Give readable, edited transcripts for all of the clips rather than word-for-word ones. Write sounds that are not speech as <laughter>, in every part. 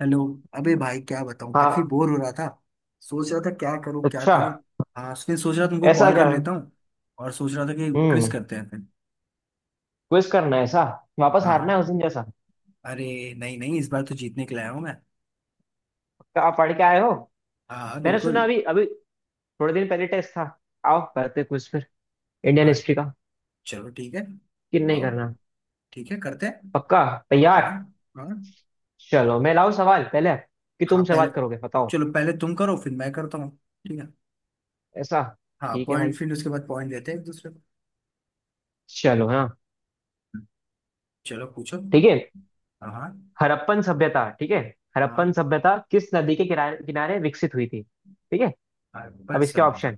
Hello. अबे भाई, क्या बताऊं, हाँ। काफी बोर हो रहा था। सोच रहा था क्या करूं क्या अच्छा करूं। हाँ, फिर सोच रहा तुमको ऐसा कॉल कर क्या। लेता हूँ। और सोच रहा था कि क्विज हम्म। करते हैं फिर। क्विज करना है ऐसा। वापस हाँ, हाँ। हारना है उस दिन जैसा। अरे, नहीं नहीं, इस बार तो जीतने के लिए आया हूँ मैं। क्या आप पढ़ के आए हो। हाँ, हाँ, मैंने बिल्कुल। सुना अभी अभी। थोड़े दिन पहले टेस्ट था। आओ करते क्विज फिर, इंडियन और हिस्ट्री का। चलो ठीक है। कि नहीं आओ, करना। ठीक है करते हैं। पक्का। हाँ, तैयार। हाँ, हाँ। चलो मैं लाऊं सवाल पहले, कि हाँ, तुम पहले। शुरुआत करोगे बताओ। चलो, पहले तुम करो फिर मैं करता हूँ। ठीक है। ऐसा। हाँ, ठीक है पॉइंट, भाई। फिर उसके बाद पॉइंट देते हैं एक दूसरे को। चलो हाँ। चलो, पूछो। ठीक है। हाँ, हाँ। हड़प्पन सभ्यता ठीक है। हड़प्पन सभ्यता किस नदी के किनारे किनारे विकसित हुई थी, ठीक है। हाँ, पर अब इसके सब बताओ। ऑप्शन।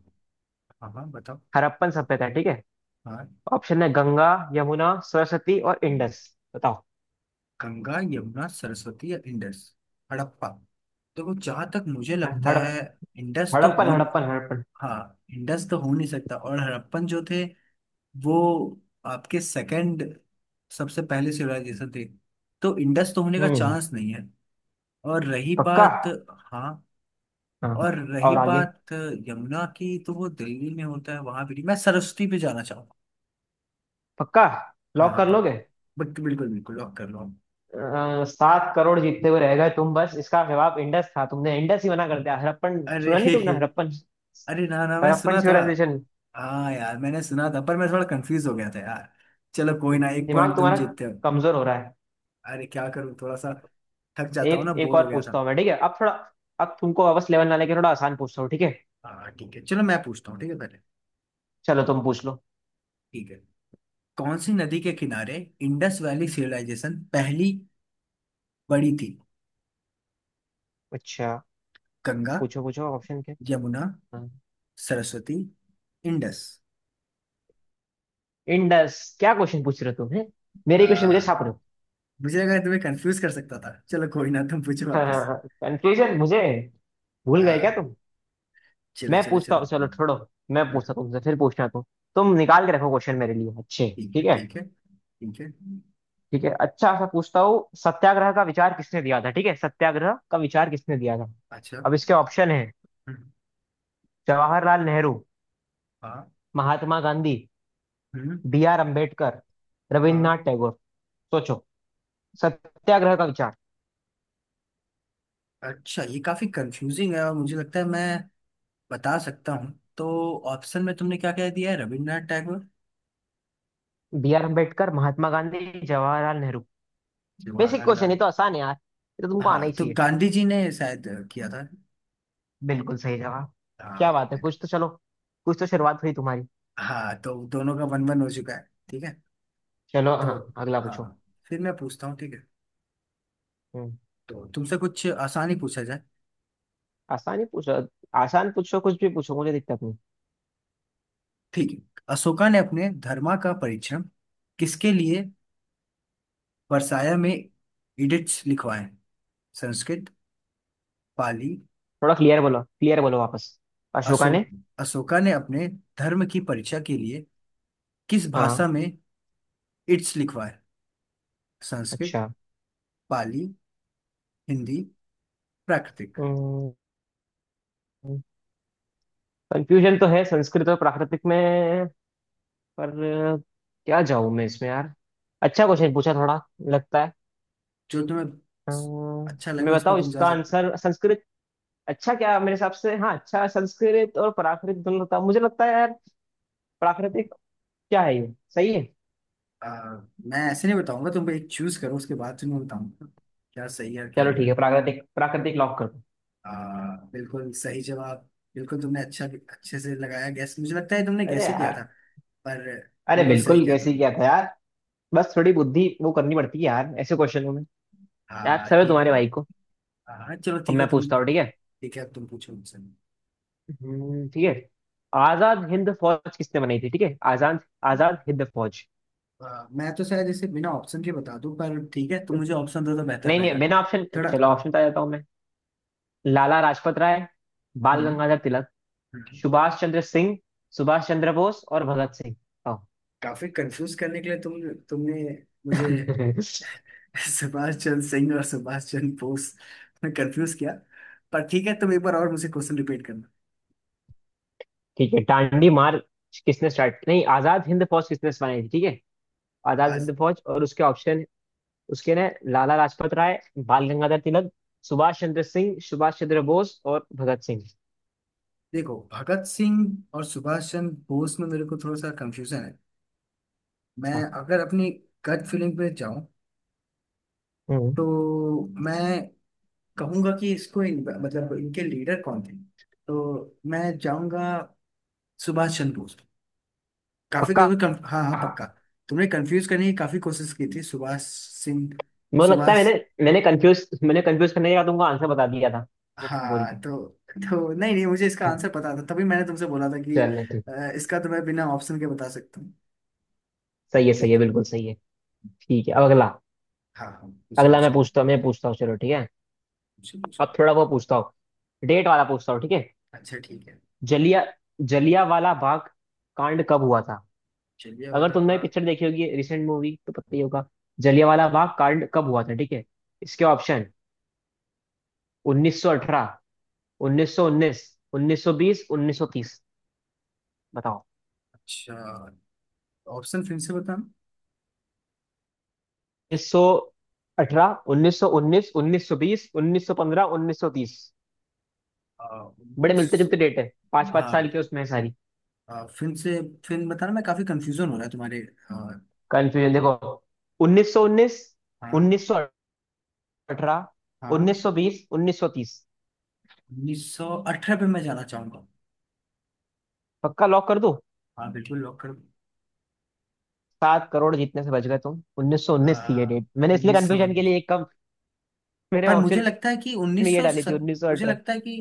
हाँ, हाँ, बताओ। हड़प्पन सभ्यता, ठीक है। हाँ, ऑप्शन है, गंगा, यमुना, सरस्वती और इंडस। बताओ। गंगा, यमुना, सरस्वती या इंडस? हड़प्पा। देखो, जहां तक मुझे लगता हड़प है, इंडस तो हड़प्पन, हो। हड़प्पन, हड़प्पन। हाँ। इंडस तो हो नहीं सकता, और हड़प्पन जो थे, वो आपके सेकंड, सबसे पहले सिविलाइजेशन थे, तो इंडस तो होने का हम्म। चांस नहीं है। और रही पक्का। बात, हाँ। हाँ और रही और आगे। बात यमुना की, तो वो दिल्ली में होता है, वहां भी नहीं। मैं सरस्वती पे जाना चाहूंगा। पक्का हाँ, लॉक हाँ, कर पक लोगे। बट बिल्कुल बिल्कुल लॉक कर लो आप। 7 करोड़ जीतते हुए रह गए तुम, बस। इसका जवाब इंडस था, तुमने इंडस ही मना कर दिया, हड़प्पन। अरे। सुना नहीं <laughs> तुमने, हड़प्पन, अरे, ना ना, मैं हड़प्पन सुना था। सिविलाइजेशन। हाँ यार, मैंने सुना था पर मैं थोड़ा कंफ्यूज हो गया था यार। चलो कोई ना, एक दिमाग पॉइंट तुम तुम्हारा जीतते हो। कमजोर हो रहा है। अरे क्या करूँ, थोड़ा सा थक जाता हूँ ना, एक एक बोर हो और गया पूछता था। हूँ मैं, ठीक है। अब थोड़ा, अब तुमको वापस लेवल ना लेके थोड़ा आसान पूछता हूँ, ठीक है। हाँ ठीक है, चलो मैं पूछता हूँ। ठीक है, पहले। चलो तुम पूछ लो। ठीक है। कौन सी नदी के किनारे इंडस वैली सिविलाइजेशन पहली बड़ी थी? अच्छा, गंगा, पूछो पूछो ऑप्शन यमुना, क्या। सरस्वती, इंडस। इंडस, क्या क्वेश्चन पूछ रहे हो तुम, है। आ, मेरे क्वेश्चन मुझे छाप रहे हो। मुझे लगा तुम्हें कंफ्यूज कर सकता था, चलो कोई ना, तुम पूछो हाँ हाँ वापस। हाँ। कंफ्यूजन मुझे। भूल गए क्या आ, तुम। चलो मैं चलो पूछता चलो। हूँ, चलो छोड़ो। मैं पूछता हम्म, हूँ तुमसे, फिर पूछना तुम। तुम निकाल के रखो क्वेश्चन मेरे लिए अच्छे, ठीक है, ठीक है। ठीक है, ठीक है। ठीक है, अच्छा सा पूछता हूँ। सत्याग्रह का विचार किसने दिया था, ठीक है। सत्याग्रह का विचार किसने दिया था। अच्छा। अब इसके ऑप्शन है, हम्म, जवाहरलाल नेहरू, हाँ। महात्मा गांधी, हम्म, बी आर अम्बेडकर, हाँ। रविन्द्रनाथ टैगोर। सोचो, सत्याग्रह का विचार। अच्छा, ये काफी कंफ्यूजिंग है और मुझे लगता है मैं बता सकता हूँ। तो ऑप्शन में तुमने क्या क्या दिया है? Rabindranath Tagore, B R Ambedkar, Mahatma Gandhi, Jawaharlal Nehru. Basic Jawaharlal question, ये नेहरू। तो आसान है यार, ये तो तुमको हाँ आना ही तो चाहिए। गांधी जी ने शायद किया था। बिल्कुल सही जवाब। क्या हाँ। बात है, कुछ तो चलो, कुछ तो शुरुआत हुई तुम्हारी। हाँ तो दोनों का 1-1 हो चुका है, ठीक है। चलो तो हाँ अगला पूछो। हाँ, फिर मैं पूछता हूँ। ठीक है। हम्म। तो तुमसे कुछ आसान ही पूछा जाए। आसान ही पूछो, आसान पूछो, कुछ भी पूछो, मुझे दिक्कत नहीं। ठीक है। अशोका ने अपने धर्मा का परिश्रम किसके लिए वर्साया में एडिक्ट्स लिखवाए? संस्कृत, पाली। थोड़ा क्लियर बोलो, क्लियर बोलो वापस। अशोका अशोक ने। अशोका ने अपने धर्म की परीक्षा के लिए किस भाषा हाँ। में इट्स लिखवाया? संस्कृत, अच्छा। पाली, हिंदी, प्राकृतिक। कंफ्यूजन तो है संस्कृत और प्राकृतिक में। पर क्या जाऊं मैं इसमें यार। अच्छा क्वेश्चन पूछा थोड़ा, लगता है। जो तुम्हें अच्छा अम्म, लगे मैं उस पर बताऊं तुम जा इसका सकते हो। आंसर, संस्कृत। अच्छा, क्या मेरे हिसाब से, हाँ अच्छा, संस्कृत और प्राकृत दोनों होता, मुझे लगता है यार। प्राकृतिक क्या है, ये सही है। आ, मैं ऐसे नहीं बताऊंगा, तुम एक चूज करो उसके बाद तुम्हें बताऊंगा क्या सही है और क्या चलो ठीक है, गलत। प्राकृतिक, प्राकृतिक लॉक कर दो। आ, बिल्कुल सही जवाब। बिल्कुल तुमने अच्छा, अच्छे से लगाया गैस, मुझे लगता है तुमने अरे गैस ही किया था। यार। पर अरे बिल्कुल सही बिल्कुल किया कैसे ही तुमने। किया था यार। बस थोड़ी बुद्धि वो करनी पड़ती है यार ऐसे क्वेश्चनों में। याद हाँ सब है ठीक है। तुम्हारे भाई को। हाँ चलो अब ठीक है मैं तुम। पूछता हूँ, ठीक है। ठीक है, अब तुम पूछो मुझसे। ठीक है। आजाद हिंद फौज किसने बनाई थी, ठीक है। आजाद आजाद हिंद फौज। मैं तो शायद इसे बिना ऑप्शन के बता दूं, पर ठीक है तुम मुझे ऑप्शन दो तो बेहतर नहीं रहेगा। नहीं बिना ऑप्शन, थोड़ा। चलो ऑप्शन तो आ जाता हूँ मैं। लाला लाजपत राय, बाल हम्म। गंगाधर, हम्म। सुभाष चंद्र सिंह, सुभाष चंद्र बोस और भगत सिंह। आओ। काफी कंफ्यूज करने के लिए तुमने मुझे <laughs> <laughs> सुभाष चंद्र सिंह और सुभाष चंद्र बोस में कंफ्यूज किया। पर ठीक है, तुम एक बार और मुझे क्वेश्चन रिपीट करना। ठीक है, डांडी मार्च किसने स्टार्ट, नहीं, आजाद हिंद फौज किसने बनाई थी, ठीक है। आजाद आज हिंद फौज, और उसके ऑप्शन। उसके ने, लाला लाजपत राय, बाल गंगाधर तिलक, सुभाष चंद्र सिंह, सुभाष चंद्र बोस और भगत सिंह। देखो, भगत सिंह और सुभाष चंद्र बोस में मेरे को थोड़ा सा कंफ्यूजन है। मैं, अच्छा। अगर अपनी गट फीलिंग पे जाऊं, हम्म। तो मैं कहूंगा कि इसको मतलब इनके लीडर कौन थे, तो मैं जाऊंगा सुभाष चंद्र बोस। काफी पक्का। तुम्हें हाँ हाँ पक्का। तुमने कंफ्यूज करने की काफी कोशिश की थी, सुभाष सिंह, मुझे लगता है सुभाष। मैंने मैंने कंफ्यूज करने का तुमको आंसर बता दिया था, वो बोल के। हाँ तो नहीं नहीं, मुझे इसका हम्म, आंसर पता था, तभी मैंने तुमसे बोला था कि चलो ठीक है। इसका तो मैं बिना ऑप्शन के बता सकता हूँ। सही है, सही ठीक है, है। बिल्कुल सही है। ठीक है, अब अगला। हाँ, हाँ, पूछो, अगला मैं पूछो, पूछता हूँ, मैं पूछता हूँ, चलो ठीक है। पूछो, पूछो। अब थोड़ा वो पूछता हूँ, डेट वाला पूछता हूँ, ठीक है। अच्छा ठीक है, जलिया जलिया वाला बाग कांड कब हुआ था। चलिए अगर हमारा तुमने बात। पिक्चर देखी होगी, रिसेंट मूवी, तो पता ही होगा। जलिया वाला बाग कांड कब हुआ था, ठीक है। इसके ऑप्शन, 1918, 1919, 1920, 1930। बताओ। अच्छा, ऑप्शन फिर से बताना। 1918, 1919, 1920, 1915, 1930। बड़े उन्नीस। मिलते जुलते डेट है, पांच पांच साल के उसमें है सारी। फिल्म से फिल्म बताना, मैं काफी कंफ्यूजन हो रहा है तुम्हारे। अ, कंफ्यूजन देखो। 1919, हाँ, 1918, अठारह, हाँ, उन्नीस सौ बीस, उन्नीस सौ तीस। 1918 पे मैं जाना चाहूंगा। पक्का लॉक कर दो। हाँ बिल्कुल, लॉक कर। 7 करोड़ जीतने से बच गए तुम। उन्नीस सौ उन्नीस थी ये डेट। मैंने इसलिए उन्नीस सौ कंफ्यूजन के उन्नीस, लिए एक कम मेरे पर मुझे ऑप्शन लगता है कि में उन्नीस ये सौ डाली थी, सत उन्नीस सौ मुझे अठारह। लगता है कि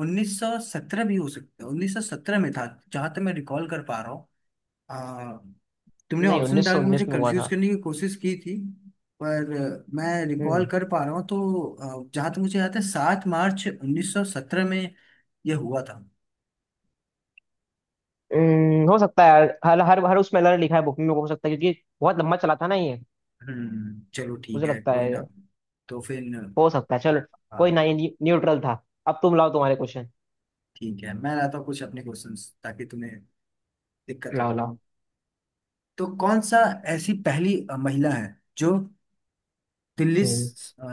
1917 भी हो सकता है, 1917 में था, जहां तक मैं रिकॉल कर पा रहा हूँ। अ, तुमने नहीं, ऑप्शन उन्नीस डाल सौ के मुझे उन्नीस में हुआ कंफ्यूज था। करने की कोशिश की थी। पर मैं रिकॉल हम्म। कर पा रहा हूँ, तो जहां तक मुझे याद है, 7 मार्च 1917 में यह हुआ था। हो सकता है यार। हर हर हर उसमें अलग लिखा है बुक में, हो सकता है, क्योंकि बहुत लंबा चला था ना ये। चलो ठीक मुझे है, लगता कोई ना। है। तो फिर हो सकता है, चलो, कोई हाँ ना। ये न्यूट्रल था। अब तुम लाओ तुम्हारे क्वेश्चन। ठीक है, मैं लाता हूँ कुछ अपने क्वेश्चंस ताकि तुम्हें दिक्कत हो। लाओ लाओ। तो कौन सा ऐसी पहली महिला है जो दिल्ली हम्म। स- अ,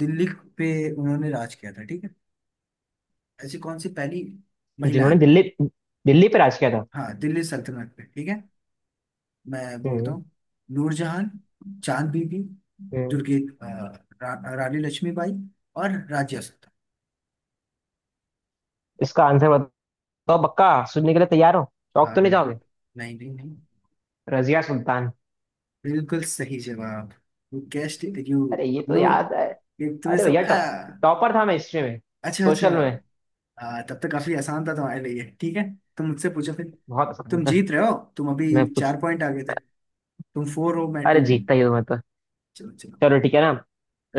दिल्ली पे उन्होंने राज किया था, ठीक है। ऐसी कौन सी पहली महिला जिन्होंने है? दिल्ली, दिल्ली पे राज किया था। हाँ दिल्ली सल्तनत पे, ठीक है। मैं बोलता हम्म। हूँ नूरजहां, चांद बीबी, हम्म। दुर्गे, अ, रानी लक्ष्मीबाई और राज्य सत्ता। इसका आंसर, तो बक्का सुनने के लिए तैयार हो, चौक हाँ तो नहीं जाओगे। बिल्कुल। नहीं नहीं नहीं, रजिया सुल्तान। बिल्कुल सही जवाब। यू कैस्ट इट, अरे ये तो नो याद है। ये तुम्हें अरे सब भैया, आ टॉपर था मैं हिस्ट्री में, अच्छा, अच्छा। सोशल में। तब तो काफी आसान था तुम्हारे लिए, ठीक है। तुम मुझसे पूछो फिर। बहुत आसान तुम था। जीत रहे हो, तुम अभी मैं कुछ। 4 पॉइंट आगे थे। तुम फोर हो, मैं अरे टू जीतता ही हूँ। हूँ मैं तो। चलो, चलो। चलो ठीक है ना,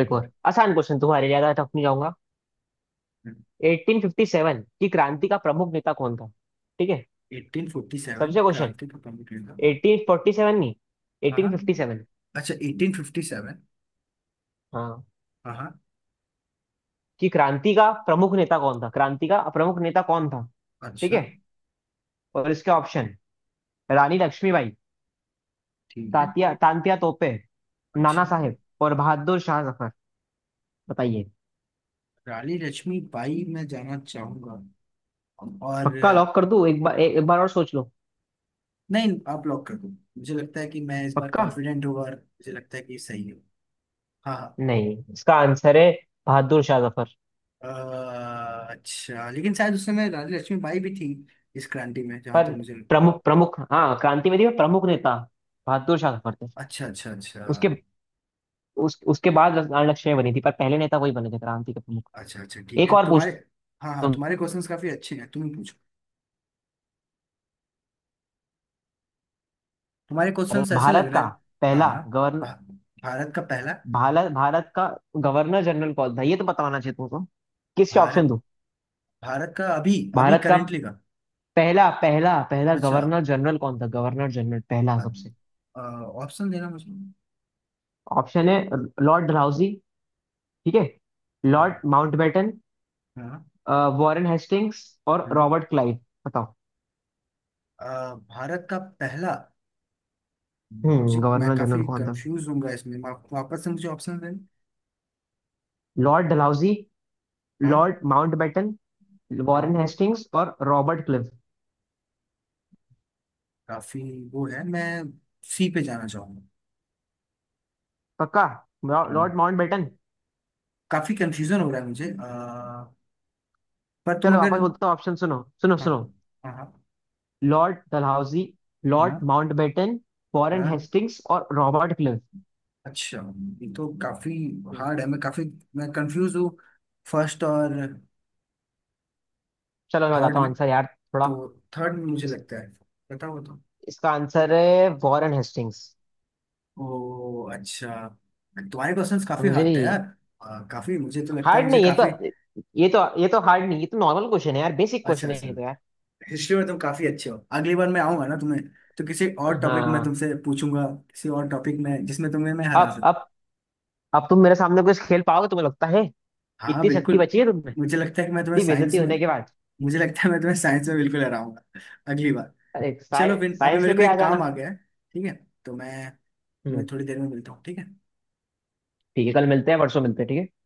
एक और आसान क्वेश्चन तुम्हारे लिए, ज्यादा टफ नहीं जाऊंगा। 1857 की क्रांति का प्रमुख नेता कौन था, ठीक है। 1847 सबसे क्वेश्चन, क्रांति को कंप्लीट करना। 1847, नहीं हाँ, हाँ, 1857। अच्छा, 1857। हाँ, हाँ, हाँ। कि क्रांति का प्रमुख नेता कौन था, क्रांति का प्रमुख नेता कौन था, ठीक है। अच्छा, और इसके ऑप्शन, रानी लक्ष्मीबाई, ठीक है। तात्या तांत्या तोपे, नाना अच्छा। साहेब और बहादुर शाह जफर। बताइए। रानी लक्ष्मी बाई मैं जाना चाहूंगा, और पक्का लॉक कर दूं, एक बार, एक बार और सोच लो। नहीं आप लॉक कर दो, मुझे लगता है कि मैं इस बार पक्का। कॉन्फिडेंट हूँ और मुझे लगता है कि सही हूँ। हाँ, हाँ। नहीं, इसका आंसर है बहादुर शाह जफर। अच्छा, लेकिन शायद उस समय रानी लक्ष्मीबाई भी थी इस क्रांति में, जहाँ तक पर मुझे लगता है। प्रमुख, हाँ, क्रांतिवादी में प्रमुख नेता बहादुर शाह जफर थे। अच्छा, अच्छा, अच्छा, उसके, उसके बाद रानी लक्ष्मीबाई बनी थी, पर पहले नेता वही बने थे क्रांति के प्रमुख। अच्छा, अच्छा, ठीक एक है और तुम्हारे। पूछता हाँ, हाँ, हूँ। तुम्हारे क्वेश्चंस काफी अच्छे हैं, तुम पूछो। तुम्हारे क्वेश्चंस ऐसे लग भारत रहे का हैं। हाँ, पहला हाँ। गवर्न, भा, भारत का पहला। भारत भारत का गवर्नर जनरल कौन था, ये तो बताना चाहिए तुमको। किसके ऑप्शन भारत दूं। भारत का, अभी अभी भारत का करेंटली का। पहला पहला पहला अच्छा, गवर्नर जनरल कौन था। गवर्नर जनरल, पहला, सबसे। ऑप्शन देना मुझे। ऑप्शन है, लॉर्ड डलहौजी, ठीक है, लॉर्ड हाँ, माउंटबेटन, हाँ, वॉरेन हेस्टिंग्स और हाँ। Robert Clive. बताओ। भारत का पहला। मुझे हम्म, मैं गवर्नर जनरल काफी कौन था। कंफ्यूज हूँगा इसमें, आप वापस से मुझे ऑप्शन दें। लॉर्ड डलहौजी, हाँ, लॉर्ड माउंटबेटन, हाँ, वॉरेन हेस्टिंग्स और रॉबर्ट क्लिव। काफी वो है, मैं सी पे जाना चाहूंगा। पक्का, हाँ, लॉर्ड माउंटबेटन। काफी कंफ्यूजन हो रहा है मुझे, पर तुम चलो अगर वापस बोलता हूँ ऑप्शन, सुनो सुनो हाँ, सुनो। हाँ, हाँ, लॉर्ड डलहौजी, लॉर्ड हाँ, माउंटबेटन, हाँ, वॉरेन हाँ, हेस्टिंग्स और रॉबर्ट क्लिव। अच्छा। ये तो काफी हम्म। हार्ड है, मैं कंफ्यूज हूँ। फर्स्ट और चलो मैं थर्ड बताता हूँ में, आंसर यार, थोड़ा। तो थर्ड में मुझे लगता है, बताओ तो। इसका आंसर है वॉरेन हेस्टिंग्स। ओ अच्छा, तुम्हारे क्वेश्चंस काफी समझे। हार्ड थे यार। काफी, मुझे तो लगता है, हार्ड मुझे नहीं ये तो, काफी ये तो हार्ड नहीं, ये तो नॉर्मल क्वेश्चन है यार, बेसिक अच्छा, क्वेश्चन है अच्छा। ये तो यार। हिस्ट्री में तुम काफी अच्छे हो, अगली बार मैं आऊंगा ना तुम्हें, तो किसी और टॉपिक में हाँ। तुमसे पूछूंगा। किसी और टॉपिक में जिसमें तुम्हें मैं हरा अब सकूं। अब अब तुम मेरे सामने कुछ खेल पाओगे, तुम्हें लगता है। हाँ इतनी शक्ति बिल्कुल। बची है तुम में, मुझे लगता है कि मैं तुम्हें इतनी बेइज्जती साइंस में होने के बाद। मुझे लगता है मैं तुम्हें साइंस में बिल्कुल हराऊंगा, अगली बार। अरे चलो फिर, अभी साइंस मेरे में भी को आ एक जाना। काम आ गया है, ठीक है। तो मैं हम्म। तुम्हें थोड़ी देर में मिलता हूँ, ठीक है। ठीक है, कल मिलते हैं, परसों मिलते हैं, ठीक है।